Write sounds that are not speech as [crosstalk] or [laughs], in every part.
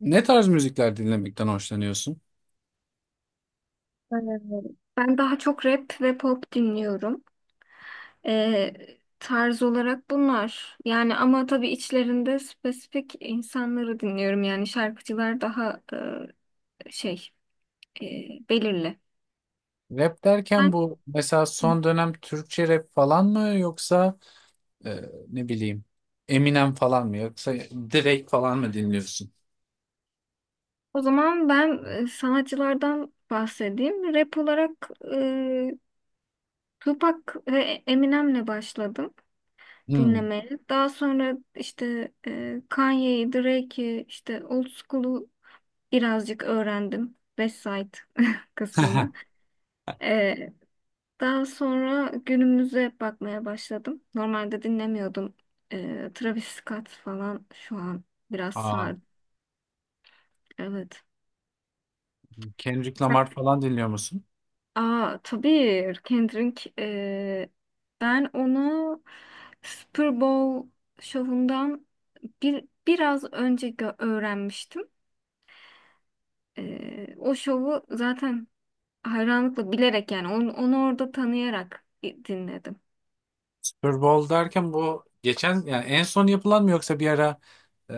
Ne tarz müzikler dinlemekten hoşlanıyorsun? Ee, Ben daha çok rap ve pop dinliyorum. Ee, tarz olarak bunlar. Yani ama tabii içlerinde spesifik insanları dinliyorum. Yani şarkıcılar daha e, şey e, belirli. Rap derken Ben, bu mesela son dönem Türkçe rap falan mı yoksa e, ne bileyim Eminem falan mı yoksa Drake falan mı dinliyorsun? O zaman ben sanatçılardan bahsedeyim. Rap olarak Tupac ve Eminem'le başladım Hmm. dinlemeye. Daha sonra işte Kanye'yi, Drake'i, işte Old School'u birazcık öğrendim. Website [laughs] [laughs] kısmını. Ee, daha sonra günümüze bakmaya başladım. Normalde dinlemiyordum. Travis Scott falan şu an biraz Aa, sardı. Evet. Kendrick Sen... Lamar falan dinliyor musun? Aa tabii Kendrick. Ben onu Super Bowl şovundan biraz önce öğrenmiştim. O şovu zaten hayranlıkla bilerek yani onu orada tanıyarak dinledim. Super Bowl derken bu geçen yani en son yapılan mı yoksa bir ara e,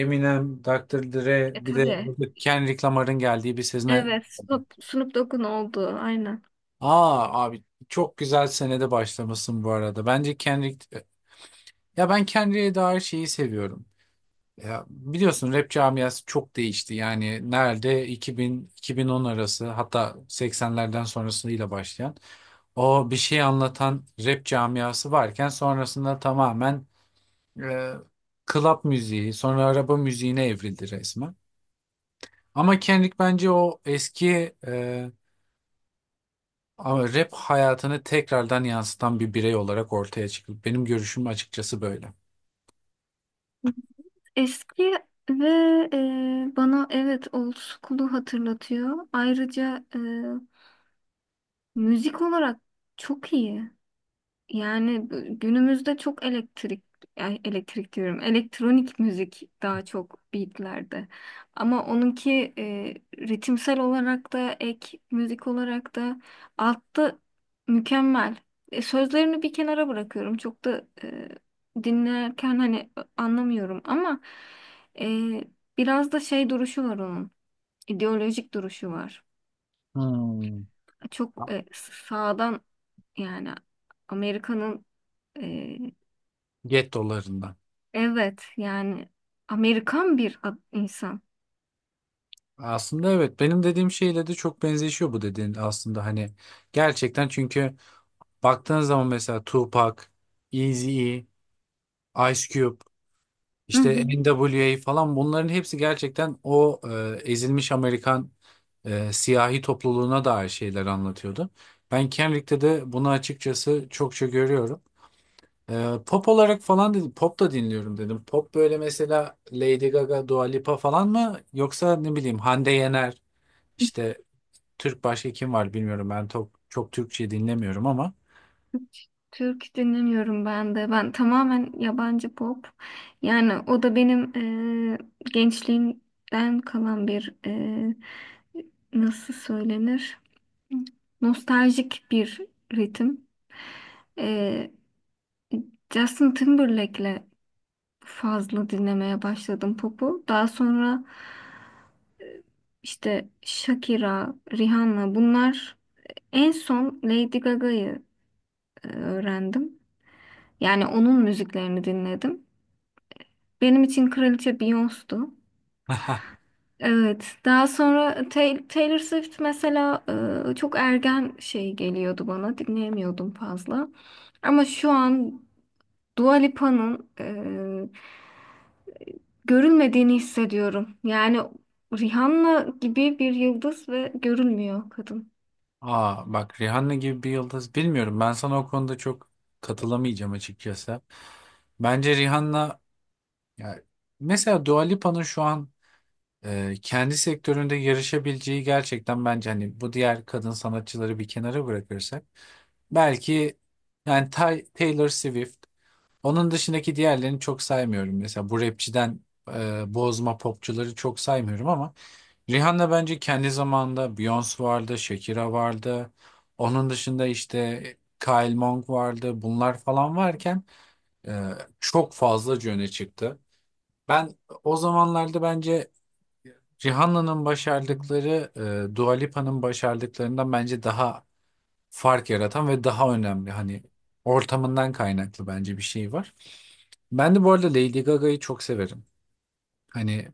Eminem, Dr. Dre E bir de tabii. orada Kendrick Lamar'ın geldiği bir sezone. Evet. Snoop Dogg'un olduğu. Aynen. Aa abi, çok güzel senede başlamışsın bu arada. Bence Kendrick. Ya, ben kendine dair şeyi seviyorum. Ya, biliyorsun rap camiası çok değişti. Yani nerede 2000-2010 arası, hatta 80'lerden sonrasıyla başlayan o bir şey anlatan rap camiası varken, sonrasında tamamen e, club müziği, sonra araba müziğine evrildi resmen. Ama Kendrick bence o eski, ama rap hayatını tekrardan yansıtan bir birey olarak ortaya çıktı. Benim görüşüm açıkçası böyle. Eski ve bana evet old school'u hatırlatıyor. Ayrıca müzik olarak çok iyi. Yani günümüzde çok elektrik, ay, elektrik diyorum, elektronik müzik daha çok beatlerde. Ama onunki ritimsel olarak da ek müzik olarak da altta mükemmel. E, sözlerini bir kenara bırakıyorum. Çok da dinlerken hani anlamıyorum ama e, biraz da şey duruşu var onun. İdeolojik duruşu var. Hmm. Çok sağdan yani Amerika'nın, e, Get dolarından. Evet yani Amerikan bir insan. Aslında evet, benim dediğim şeyle de çok benzeşiyor bu dediğin aslında, hani gerçekten, çünkü baktığın zaman mesela Tupac, Eazy-E, Ice Cube, Hı işte hı. NWA falan, bunların hepsi gerçekten o ezilmiş Amerikan siyahi topluluğuna dair şeyler anlatıyordu. Ben Kendrick'te de bunu açıkçası çokça görüyorum. E, pop olarak falan dedim, pop da dinliyorum dedim. Pop böyle mesela Lady Gaga, Dua Lipa falan mı, yoksa ne bileyim Hande Yener, işte Türk başka kim var bilmiyorum. Ben çok Türkçe dinlemiyorum ama. Hiç Türk dinlemiyorum ben de. Ben tamamen yabancı pop. Yani o da benim gençliğimden kalan bir nasıl söylenir? Nostaljik bir ritim. Eee Justin Timberlake'le fazla dinlemeye başladım popu. Daha sonra işte Shakira, Rihanna bunlar. En son Lady Gaga'yı öğrendim. Yani onun müziklerini dinledim. Benim için kraliçe Beyoncé'du. [laughs] Evet. Daha sonra Taylor Swift mesela çok ergen şey geliyordu bana. Dinleyemiyordum fazla. Ama şu an Dua Lipa'nın görülmediğini hissediyorum. Yani Rihanna gibi bir yıldız ve görülmüyor kadın. Aa bak, Rihanna gibi bir yıldız, bilmiyorum. Ben sana o konuda çok katılamayacağım açıkçası. Bence Rihanna, ya, mesela Dua Lipa'nın şu an kendi sektöründe yarışabileceği gerçekten bence, hani bu diğer kadın sanatçıları bir kenara bırakırsak, belki yani Taylor Swift. Onun dışındaki diğerlerini çok saymıyorum. Mesela bu rapçiden bozma popçuları çok saymıyorum, ama Rihanna bence kendi zamanında Beyoncé vardı, Shakira vardı. Onun dışında işte Kyle Monk vardı. Bunlar falan varken e, çok fazlaca öne çıktı. Ben o zamanlarda bence Rihanna'nın başardıkları Dua Lipa'nın başardıklarından bence daha fark yaratan ve daha önemli, hani ortamından kaynaklı bence bir şey var. Ben de bu arada Lady Gaga'yı çok severim. Hani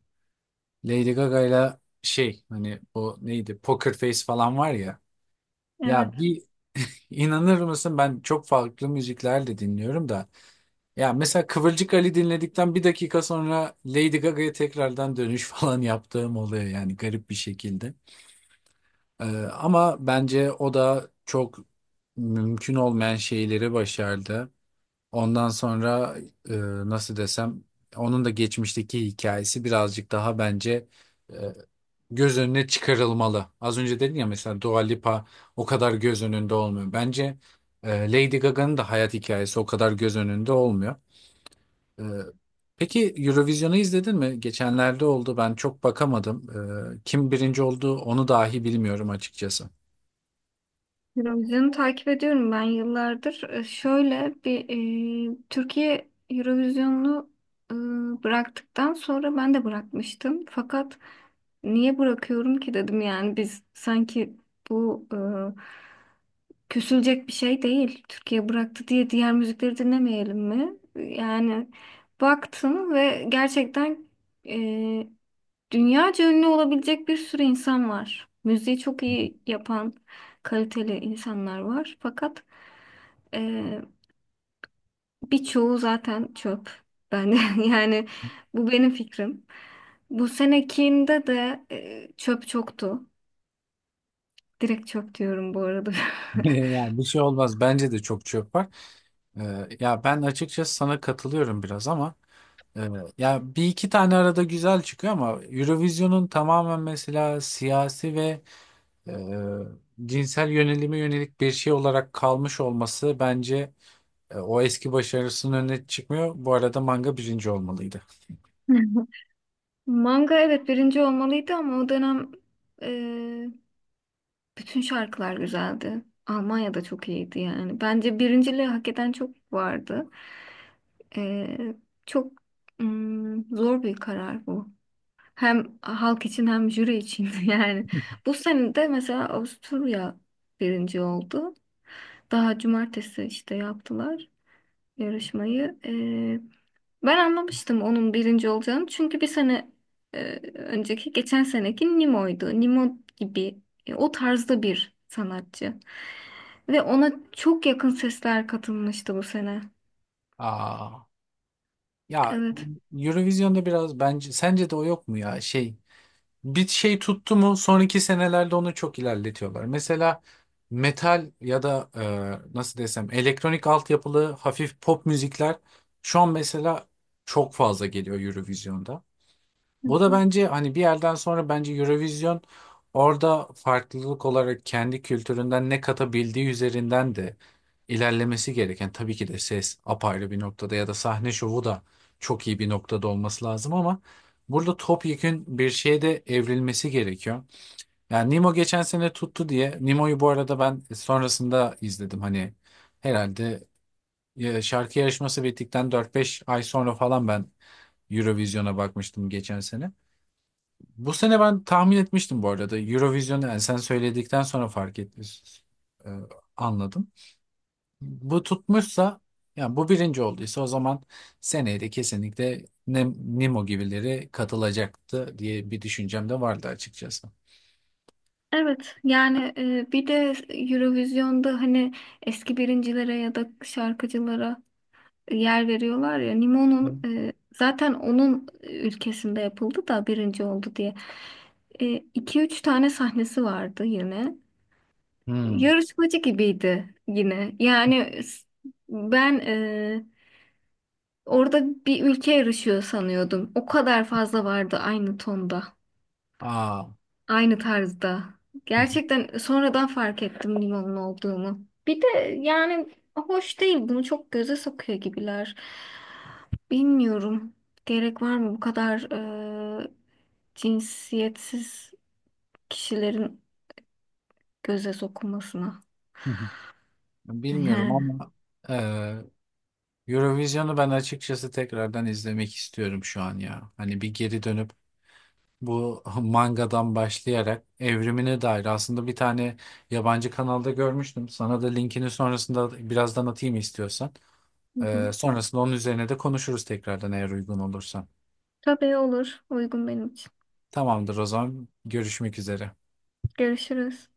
Lady Gaga'yla şey, hani o neydi, Poker Face falan var ya. Evet. Ya bir, inanır mısın, ben çok farklı müzikler de dinliyorum da. Ya mesela Kıvırcık Ali dinledikten bir dakika sonra Lady Gaga'ya tekrardan dönüş [laughs] falan yaptığım oluyor, yani garip bir şekilde. Ama bence o da çok mümkün olmayan şeyleri başardı. Ondan sonra, e, nasıl desem, onun da geçmişteki hikayesi birazcık daha bence e, göz önüne çıkarılmalı. Az önce dedin ya, mesela Dua Lipa o kadar göz önünde olmuyor. Bence Lady Gaga'nın da hayat hikayesi o kadar göz önünde olmuyor. E, peki Eurovision'u izledin mi? Geçenlerde oldu, ben çok bakamadım. E, kim birinci oldu onu dahi bilmiyorum açıkçası. Eurovision'u takip ediyorum ben yıllardır. Şöyle bir Türkiye Eurovision'u e, bıraktıktan sonra ben de bırakmıştım. Fakat niye bırakıyorum ki dedim, yani biz sanki bu küsülecek bir şey değil. Türkiye bıraktı diye diğer müzikleri dinlemeyelim mi? Yani baktım ve gerçekten e, Dünyaca ünlü olabilecek bir sürü insan var. Müziği çok iyi yapan kaliteli insanlar var. Fakat eee birçoğu zaten çöp. Ben [laughs] yani bu benim fikrim. Bu senekinde de çöp çoktu. Direkt çöp diyorum bu arada. [laughs] Ya bir şey olmaz, bence de çok çöp var. E, ya ben açıkçası sana katılıyorum biraz ama. Evet. Ya bir iki tane arada güzel çıkıyor, ama Eurovision'un tamamen mesela siyasi ve e, cinsel yönelime yönelik bir şey olarak kalmış olması bence, o eski başarısının önüne çıkmıyor. Bu arada manga birinci olmalıydı. [laughs] Manga evet birinci olmalıydı ama o dönem bütün şarkılar güzeldi. Almanya'da çok iyiydi yani. Bence birinciliği hak eden çok vardı. Ee, çok zor bir karar bu. Hem halk için hem jüri için [laughs] yani. Bu sene de mesela Avusturya birinci oldu. Daha cumartesi işte yaptılar yarışmayı. Ben anlamıştım onun birinci olacağını. Çünkü bir sene e, önceki, geçen seneki Nemo'ydu. Nemo gibi o tarzda bir sanatçı. Ve ona çok yakın sesler katılmıştı bu sene. Aa, ya, Evet. Eurovision'da biraz bence sence de o yok mu ya, şey, bir şey tuttu mu sonraki senelerde onu çok ilerletiyorlar. Mesela metal ya da nasıl desem elektronik altyapılı hafif pop müzikler şu an mesela çok fazla geliyor Eurovision'da. Hı Bu da hı. bence hani bir yerden sonra bence Eurovision orada farklılık olarak kendi kültüründen ne katabildiği üzerinden de ilerlemesi gereken, tabii ki de ses apayrı bir noktada ya da sahne şovu da çok iyi bir noktada olması lazım, ama burada topyekün bir şeye de evrilmesi gerekiyor. Yani Nemo geçen sene tuttu diye, Nemo'yu bu arada ben sonrasında izledim hani, herhalde ya şarkı yarışması bittikten 4-5 ay sonra falan ben Eurovision'a bakmıştım geçen sene. Bu sene ben tahmin etmiştim bu arada Eurovision'u, yani sen söyledikten sonra fark ettim. e, Anladım. Bu tutmuşsa, yani bu birinci olduysa, o zaman seneye de kesinlikle Nemo gibileri katılacaktı diye bir düşüncem de vardı açıkçası. Evet yani bir de Eurovision'da hani eski birincilere ya da şarkıcılara yer veriyorlar ya, Nimo'nun zaten onun ülkesinde yapıldı da birinci oldu diye. E, iki üç tane sahnesi vardı yine. Hmm. Yarışmacı gibiydi yine. Yani ben orada bir ülke yarışıyor sanıyordum. O kadar fazla vardı aynı tonda. Aa. Aynı tarzda. [laughs] Gerçekten sonradan fark ettim limonun olduğunu. Bir de yani hoş değil. Bunu çok göze sokuyor gibiler. Bilmiyorum. Gerek var mı bu kadar e, cinsiyetsiz kişilerin göze sokulmasına? [laughs] Bilmiyorum Yani. ama e, Eurovision'u ben açıkçası tekrardan izlemek istiyorum şu an ya. Hani bir geri dönüp, bu mangadan başlayarak evrimine dair aslında bir tane yabancı kanalda görmüştüm. Sana da linkini sonrasında birazdan atayım istiyorsan. Hı hı. Sonrasında onun üzerine de konuşuruz tekrardan eğer uygun olursan. Tabii olur. Uygun benim için. Tamamdır, o zaman görüşmek üzere. Görüşürüz.